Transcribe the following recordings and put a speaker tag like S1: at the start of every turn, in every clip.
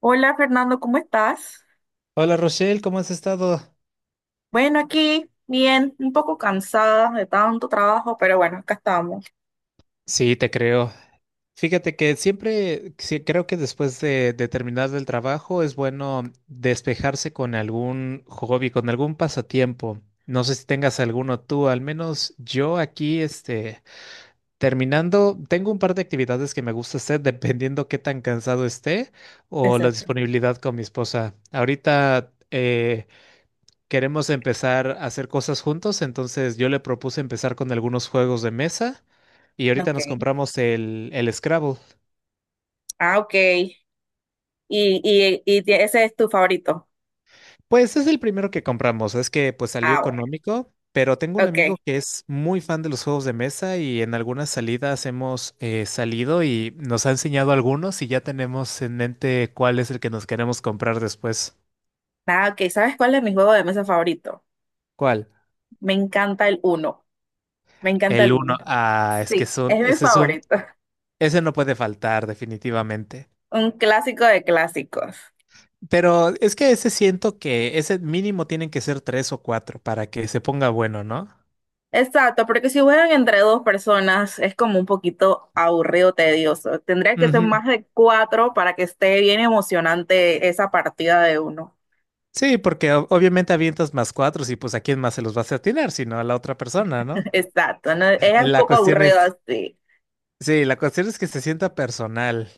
S1: Hola Fernando, ¿cómo estás?
S2: Hola Rochelle, ¿cómo has estado?
S1: Bueno, aquí bien, un poco cansada de tanto trabajo, pero bueno, acá estamos.
S2: Sí, te creo. Fíjate que siempre sí, creo que después de terminar el trabajo es bueno despejarse con algún hobby, con algún pasatiempo. No sé si tengas alguno tú, al menos yo aquí, terminando, tengo un par de actividades que me gusta hacer dependiendo qué tan cansado esté o la
S1: Exacto.
S2: disponibilidad con mi esposa. Ahorita, queremos empezar a hacer cosas juntos, entonces yo le propuse empezar con algunos juegos de mesa y ahorita nos
S1: Ok.
S2: compramos el Scrabble.
S1: Ah, ok. Ese es tu favorito.
S2: Pues es el primero que compramos, es que pues salió
S1: Ah, bueno.
S2: económico, pero tengo un
S1: Ok.
S2: amigo que es muy fan de los juegos de mesa y en algunas salidas hemos salido y nos ha enseñado algunos y ya tenemos en mente cuál es el que nos queremos comprar después.
S1: Ah, ok. ¿Sabes cuál es mi juego de mesa favorito?
S2: ¿Cuál?
S1: Me encanta el uno. Me encanta
S2: El
S1: el
S2: uno.
S1: uno.
S2: Ah, es que
S1: Sí,
S2: son,
S1: es mi
S2: ese es un,
S1: favorito.
S2: ese no puede faltar definitivamente.
S1: Un clásico de clásicos.
S2: Pero es que ese siento que ese mínimo tienen que ser tres o cuatro para que se ponga bueno, ¿no?
S1: Exacto, porque si juegan entre dos personas es como un poquito aburrido, tedioso. Tendría que ser
S2: Ujú.
S1: más de cuatro para que esté bien emocionante esa partida de uno.
S2: Sí, porque obviamente avientas más cuatro y pues a quién más se los vas a atinar, sino a la otra persona, ¿no?
S1: Exacto, ¿no? Es
S2: Eh,
S1: un
S2: La
S1: poco
S2: cuestión
S1: aburrido
S2: es,
S1: así.
S2: sí, la cuestión es que se sienta personal.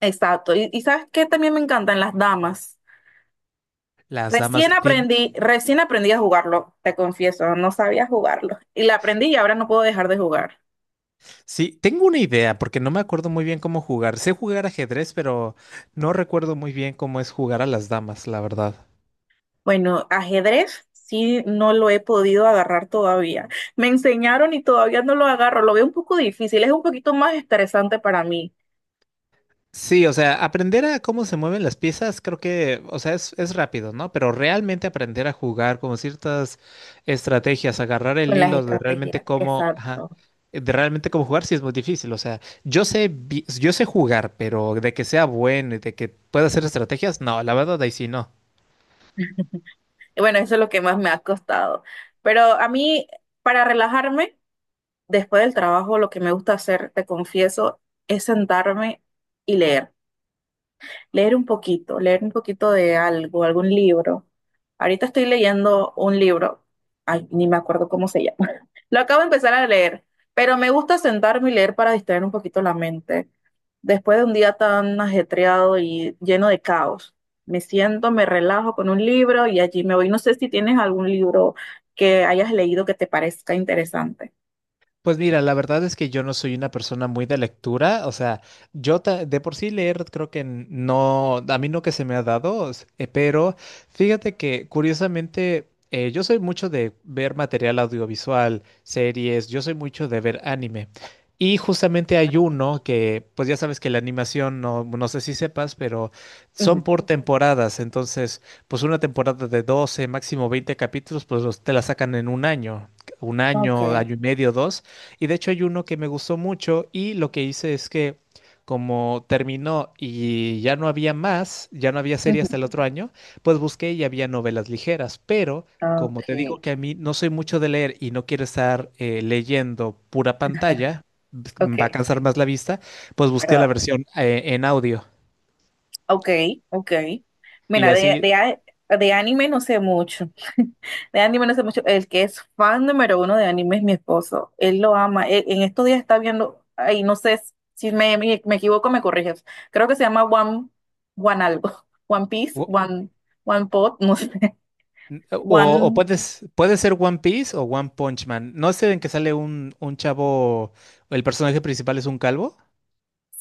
S1: Exacto. Y ¿sabes qué? También me encantan las damas.
S2: Las
S1: Recién
S2: damas tien-
S1: aprendí, recién aprendí a jugarlo, te confieso, no sabía jugarlo. Y la aprendí y ahora no puedo dejar de jugar.
S2: Sí, tengo una idea porque no me acuerdo muy bien cómo jugar. Sé jugar ajedrez, pero no recuerdo muy bien cómo es jugar a las damas, la verdad.
S1: Bueno, ajedrez sí no lo he podido agarrar todavía. Me enseñaron y todavía no lo agarro. Lo veo un poco difícil, es un poquito más estresante para mí
S2: Sí, o sea, aprender a cómo se mueven las piezas, creo que, o sea, es rápido, ¿no? Pero realmente aprender a jugar como ciertas estrategias, agarrar el
S1: con las
S2: hilo de realmente
S1: estrategias.
S2: cómo, ajá,
S1: Exacto.
S2: de realmente cómo jugar, sí es muy difícil. O sea, yo sé, yo sé jugar, pero de que sea bueno y de que pueda hacer estrategias, no, la verdad ahí sí no.
S1: Y bueno, eso es lo que más me ha costado. Pero a mí, para relajarme, después del trabajo, lo que me gusta hacer, te confieso, es sentarme y leer. Leer un poquito de algo, algún libro. Ahorita estoy leyendo un libro, ay, ni me acuerdo cómo se llama. Lo acabo de empezar a leer, pero me gusta sentarme y leer para distraer un poquito la mente. Después de un día tan ajetreado y lleno de caos, me siento, me relajo con un libro y allí me voy. No sé si tienes algún libro que hayas leído que te parezca interesante.
S2: Pues mira, la verdad es que yo no soy una persona muy de lectura, o sea, de por sí leer creo que a mí no que se me ha dado, pero fíjate que curiosamente yo soy mucho de ver material audiovisual, series, yo soy mucho de ver anime. Y justamente hay uno que, pues ya sabes que la animación, no, no sé si sepas, pero son
S1: Ujú.
S2: por temporadas, entonces, pues una temporada de 12, máximo 20 capítulos, pues te la sacan en un año,
S1: Okay,
S2: año y medio, dos. Y de hecho hay uno que me gustó mucho y lo que hice es que como terminó y ya no había más, ya no había serie
S1: ujú.
S2: hasta el otro año, pues busqué y había novelas ligeras, pero
S1: Ah,
S2: como te digo
S1: okay,
S2: que a mí no soy mucho de leer y no quiero estar leyendo pura pantalla, b- va a
S1: okay,
S2: cansar más la vista, pues busqué la
S1: ¿verdad?
S2: versión en audio
S1: Okay, okay.
S2: y
S1: Mira, de,
S2: así...
S1: a- De anime no sé mucho. De anime no sé mucho. El que es fan número uno de anime es mi esposo. Él lo ama. En estos días está viendo, ay, no sé si me equivoco, me corriges. Creo que se llama One algo. One Piece,
S2: o-
S1: One Pot, no sé.
S2: O, o
S1: One.
S2: puedes, puede ser One Piece o One Punch Man. ¿No es el en que sale un chavo, el personaje principal es un calvo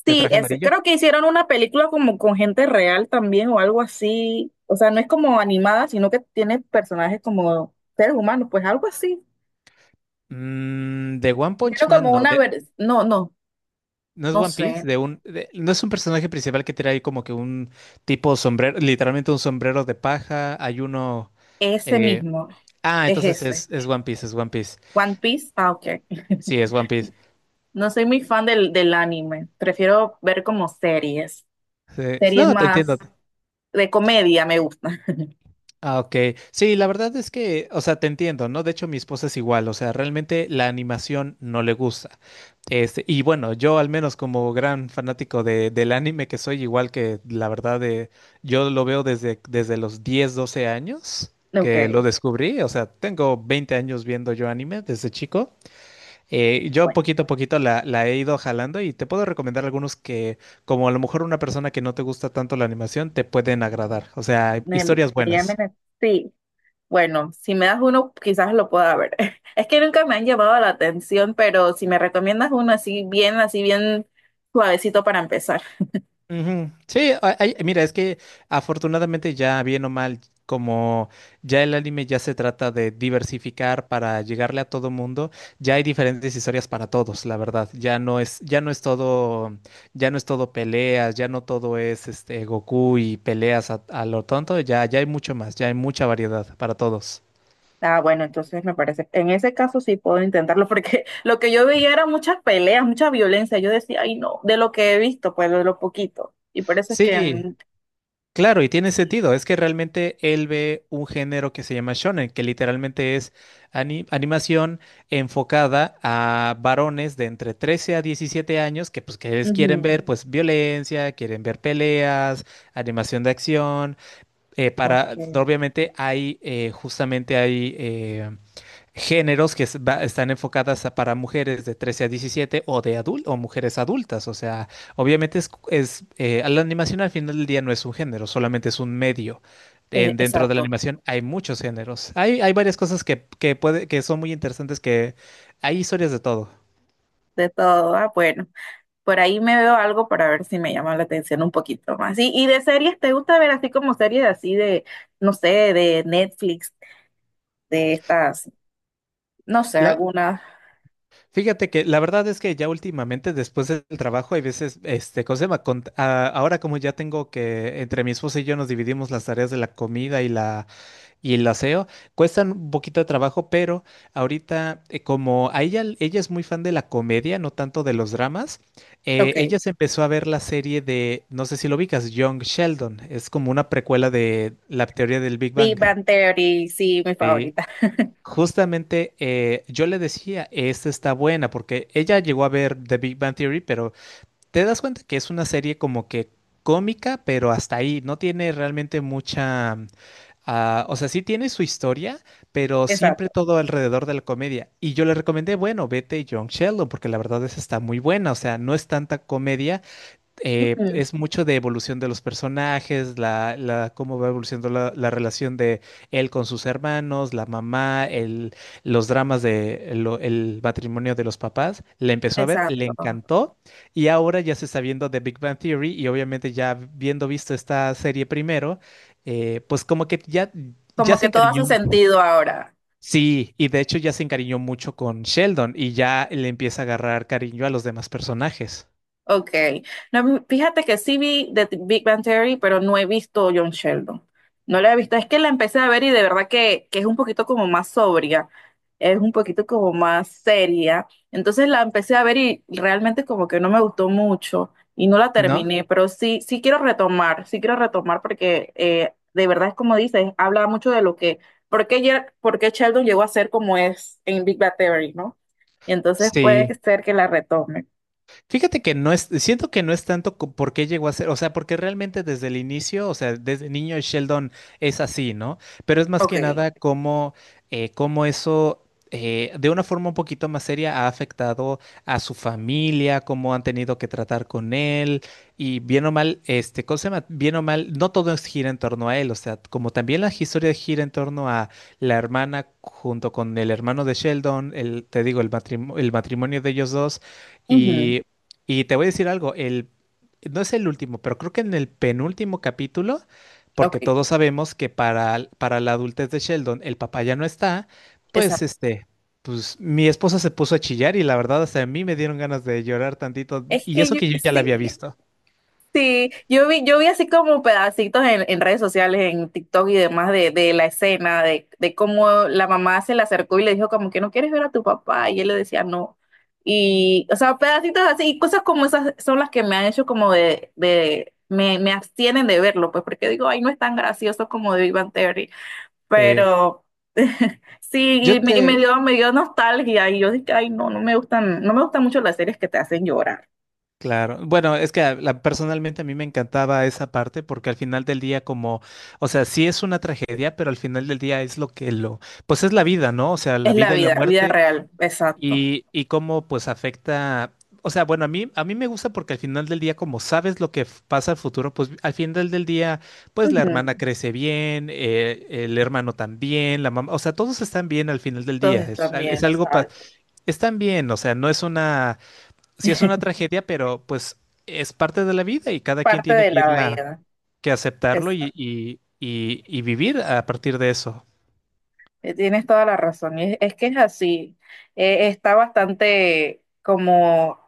S2: de
S1: Sí,
S2: traje
S1: ese.
S2: amarillo?
S1: Creo que hicieron una película como con gente real también o algo así. O sea, no es como animada, sino que tiene personajes como seres humanos, pues algo así.
S2: De One
S1: Tiene
S2: Punch
S1: como
S2: Man,
S1: una... No, no,
S2: no es
S1: no
S2: One Piece,
S1: sé.
S2: no es un personaje principal que tiene ahí como que un tipo sombrero, literalmente un sombrero de paja, hay uno...
S1: Ese
S2: eh,
S1: mismo. Es
S2: entonces
S1: ese.
S2: es One Piece, es One Piece.
S1: One Piece. Ah, ok.
S2: Sí, es One Piece.
S1: No soy muy fan del anime. Prefiero ver como series.
S2: Sí,
S1: Series
S2: no, te entiendo.
S1: más de comedia me gustan.
S2: Ah, ok. Sí, la verdad es que, o sea, te entiendo, ¿no? De hecho, mi esposa es igual, o sea, realmente la animación no le gusta. Y bueno, yo al menos como gran fanático del anime que soy, igual que la verdad de, yo lo veo desde los 10, 12 años que lo
S1: Ok.
S2: descubrí, o sea, tengo 20 años viendo yo anime desde chico. Yo
S1: Bueno,
S2: poquito a poquito la he ido jalando y te puedo recomendar algunos que, como a lo mejor una persona que no te gusta tanto la animación, te pueden agradar, o sea,
S1: me
S2: historias
S1: llaman.
S2: buenas.
S1: Sí. Bueno, si me das uno, quizás lo pueda ver. Es que nunca me han llamado la atención, pero si me recomiendas uno así bien suavecito para empezar.
S2: Ujú. Sí, mira, es que afortunadamente ya bien o mal, como ya el anime ya se trata de diversificar para llegarle a todo mundo, ya hay diferentes historias para todos, la verdad. Ya no es todo peleas, ya no todo es este Goku y peleas a lo tonto, ya hay mucho más, ya hay mucha variedad para todos.
S1: Ah, bueno, entonces me parece, en ese caso sí puedo intentarlo, porque lo que yo veía era muchas peleas, mucha violencia. Yo decía, ay no, de lo que he visto, pues de lo poquito. Y por eso es que...
S2: Sí, claro, y tiene sentido. Es que realmente él ve un género que se llama shonen, que literalmente es animación enfocada a varones de entre 13 a 17 años que pues quieren
S1: ujú,
S2: ver pues violencia, quieren ver peleas, animación de acción.
S1: ok,
S2: Para obviamente hay justamente hay géneros están enfocadas para mujeres de 13 a 17 o de adul- o mujeres adultas. O sea, obviamente la animación al final del día no es un género, solamente es un medio. Dentro de la
S1: exacto,
S2: animación hay muchos géneros. Hay varias cosas que puede, que son muy interesantes, que hay historias de todo.
S1: de todo. Ah, bueno. Por ahí me veo algo para ver si me llama la atención un poquito más. Y de series, ¿te gusta ver así como series así de, no sé, de Netflix, de estas, no sé,
S2: La,
S1: algunas?
S2: fíjate que la verdad es que ya últimamente, después del trabajo, hay veces, este, ¿cómo se llama? Ahora como ya tengo que, entre mi esposa y yo nos dividimos las tareas de la comida y la y el aseo cuestan un poquito de trabajo, pero ahorita, como a ella, ella es muy fan de la comedia, no tanto de los dramas, ella
S1: Ok.
S2: se empezó a ver la serie de, no sé si lo ubicas, Young Sheldon. Es como una precuela de la teoría del Big
S1: Big
S2: Bang.
S1: Bang Theory, sí, mi
S2: Sí.
S1: favorita.
S2: Justamente yo le decía, esta está buena, porque ella llegó a ver The Big Bang Theory, pero te das cuenta que es una serie como que cómica, pero hasta ahí, no tiene realmente mucha. Ah, o sea, sí tiene su historia, pero siempre
S1: Exacto.
S2: todo alrededor de la comedia. Y yo le recomendé, bueno, vete John Sheldon, porque la verdad es que está muy buena. O sea, no es tanta comedia,
S1: Ujú.
S2: es mucho de evolución de los personajes, cómo va evolucionando la relación de él con sus hermanos, la mamá, el, los dramas de el matrimonio de los papás. Le empezó a ver, le
S1: Exacto.
S2: encantó y ahora ya se está viendo The Big Bang Theory y obviamente ya viendo visto esta serie primero, eh, pues como que ya, ya
S1: Como
S2: se
S1: que todo
S2: encariñó.
S1: hace sentido ahora.
S2: Sí, y de hecho ya se encariñó mucho con Sheldon y ya le empieza a agarrar cariño a los demás personajes,
S1: Ok. No, fíjate que sí vi The Big Bang Theory, pero no he visto John Sheldon. No la he visto. Es que la empecé a ver y de verdad que es un poquito como más sobria. Es un poquito como más seria. Entonces la empecé a ver y realmente como que no me gustó mucho y no la
S2: ¿no?
S1: terminé, pero sí, sí quiero retomar porque de verdad es como dices, habla mucho de lo que, por qué, por qué Sheldon llegó a ser como es en Big Bang Theory, ¿no? Y entonces puede
S2: Sí.
S1: ser que la retome.
S2: Fíjate que no es, siento que no es tanto por qué llegó a ser, o sea, porque realmente desde el inicio, o sea, desde niño Sheldon es así, ¿no? Pero es más que
S1: Ok.
S2: nada cómo, eh, cómo eso, de una forma un poquito más seria, ha afectado a su familia, cómo han tenido que tratar con él, y bien o mal, este, ¿cómo se llama? Bien o mal, no todo es- gira en torno a él, o sea, como también la historia gira en torno a la hermana junto con el hermano de Sheldon, el, te digo, el matrimonio de ellos dos.
S1: Ujú.
S2: Y y te voy a decir algo, el, no es el último, pero creo que en el penúltimo capítulo,
S1: Ok,
S2: porque todos sabemos que para, para la adultez de Sheldon el papá ya no está, pues
S1: exacto.
S2: pues mi esposa se puso a chillar y la verdad hasta a mí me dieron ganas de llorar tantito,
S1: Es
S2: y
S1: que
S2: eso
S1: yo
S2: que yo ya la había
S1: sí,
S2: visto.
S1: sí, yo vi así como pedacitos en redes sociales, en TikTok y demás de la escena, de cómo la mamá se le acercó y le dijo como que no quieres ver a tu papá y él le decía no. Y, o sea, pedacitos así, y cosas como esas son las que me han hecho como de me abstienen de verlo, pues porque digo, ay, no es tan gracioso como de Big Bang Theory.
S2: Sí.
S1: Pero sí,
S2: Yo
S1: y
S2: te,
S1: me dio nostalgia y yo dije, ay, no, no me gustan, no me gustan mucho las series que te hacen llorar.
S2: claro, bueno, es que personalmente a mí me encantaba esa parte porque al final del día como, o sea, sí es una tragedia, pero al final del día es lo que lo, pues es la vida, ¿no? O sea, la
S1: Es la
S2: vida y la
S1: vida, vida
S2: muerte.
S1: real, exacto.
S2: Y cómo pues afecta, o sea, bueno, a mí me gusta porque al final del día, como sabes lo que pasa al futuro, pues al final del día, pues la hermana
S1: Ujú.
S2: crece bien, el hermano también, la mamá, o sea, todos están bien al final del día,
S1: Entonces
S2: es
S1: también,
S2: algo,
S1: exacto.
S2: están bien, o sea, no es una, sí es una tragedia, pero pues es parte de la vida y cada quien
S1: Parte
S2: tiene
S1: de
S2: que
S1: la
S2: irla,
S1: vida.
S2: que aceptarlo
S1: Exacto.
S2: y vivir a partir de eso.
S1: Tienes toda la razón. Y es que es así. Está bastante como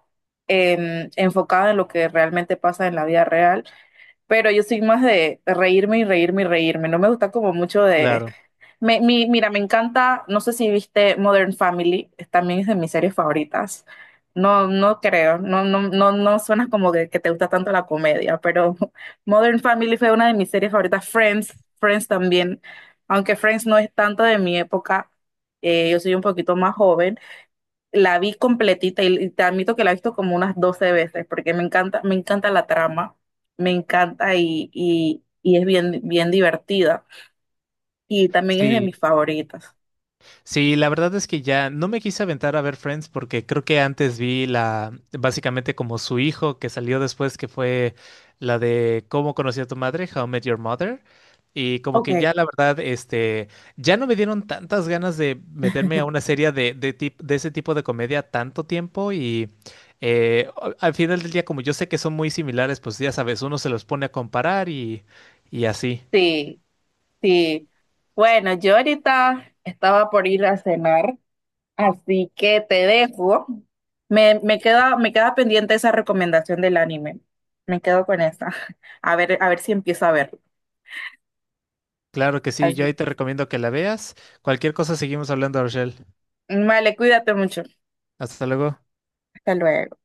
S1: enfocado en lo que realmente pasa en la vida real, pero yo soy más de reírme y reírme y reírme. No me gusta como mucho de...
S2: Claro.
S1: Mira, me encanta, no sé si viste Modern Family, también es de mis series favoritas. No, no creo, no, no, no, no suena como que te gusta tanto la comedia, pero Modern Family fue una de mis series favoritas. Friends, Friends también, aunque Friends no es tanto de mi época, yo soy un poquito más joven. La vi completita y te admito que la he visto como unas 12 veces porque me encanta la trama, me encanta y es bien, bien divertida y también es de
S2: Sí,
S1: mis favoritas.
S2: sí, la verdad es que ya no me quise aventar a ver Friends porque creo que antes vi la, básicamente como su hijo que salió después, que fue la de Cómo conocí a tu madre, How I Met Your Mother. Y como
S1: Ok.
S2: que ya la verdad, ya no me dieron tantas ganas de meterme a una serie de ese tipo de comedia tanto tiempo y al final del día, como yo sé que son muy similares, pues ya sabes, uno se los pone a comparar y así.
S1: Sí, sí. Bueno, yo ahorita estaba por ir a cenar, así que te dejo. Me queda pendiente esa recomendación del anime. Me quedo con esa. A ver si empiezo a verlo.
S2: Claro que sí, yo ahí
S1: Así-
S2: te recomiendo que la veas. Cualquier cosa seguimos hablando, Rochelle.
S1: Vale, cuídate mucho.
S2: Hasta luego.
S1: Hasta luego.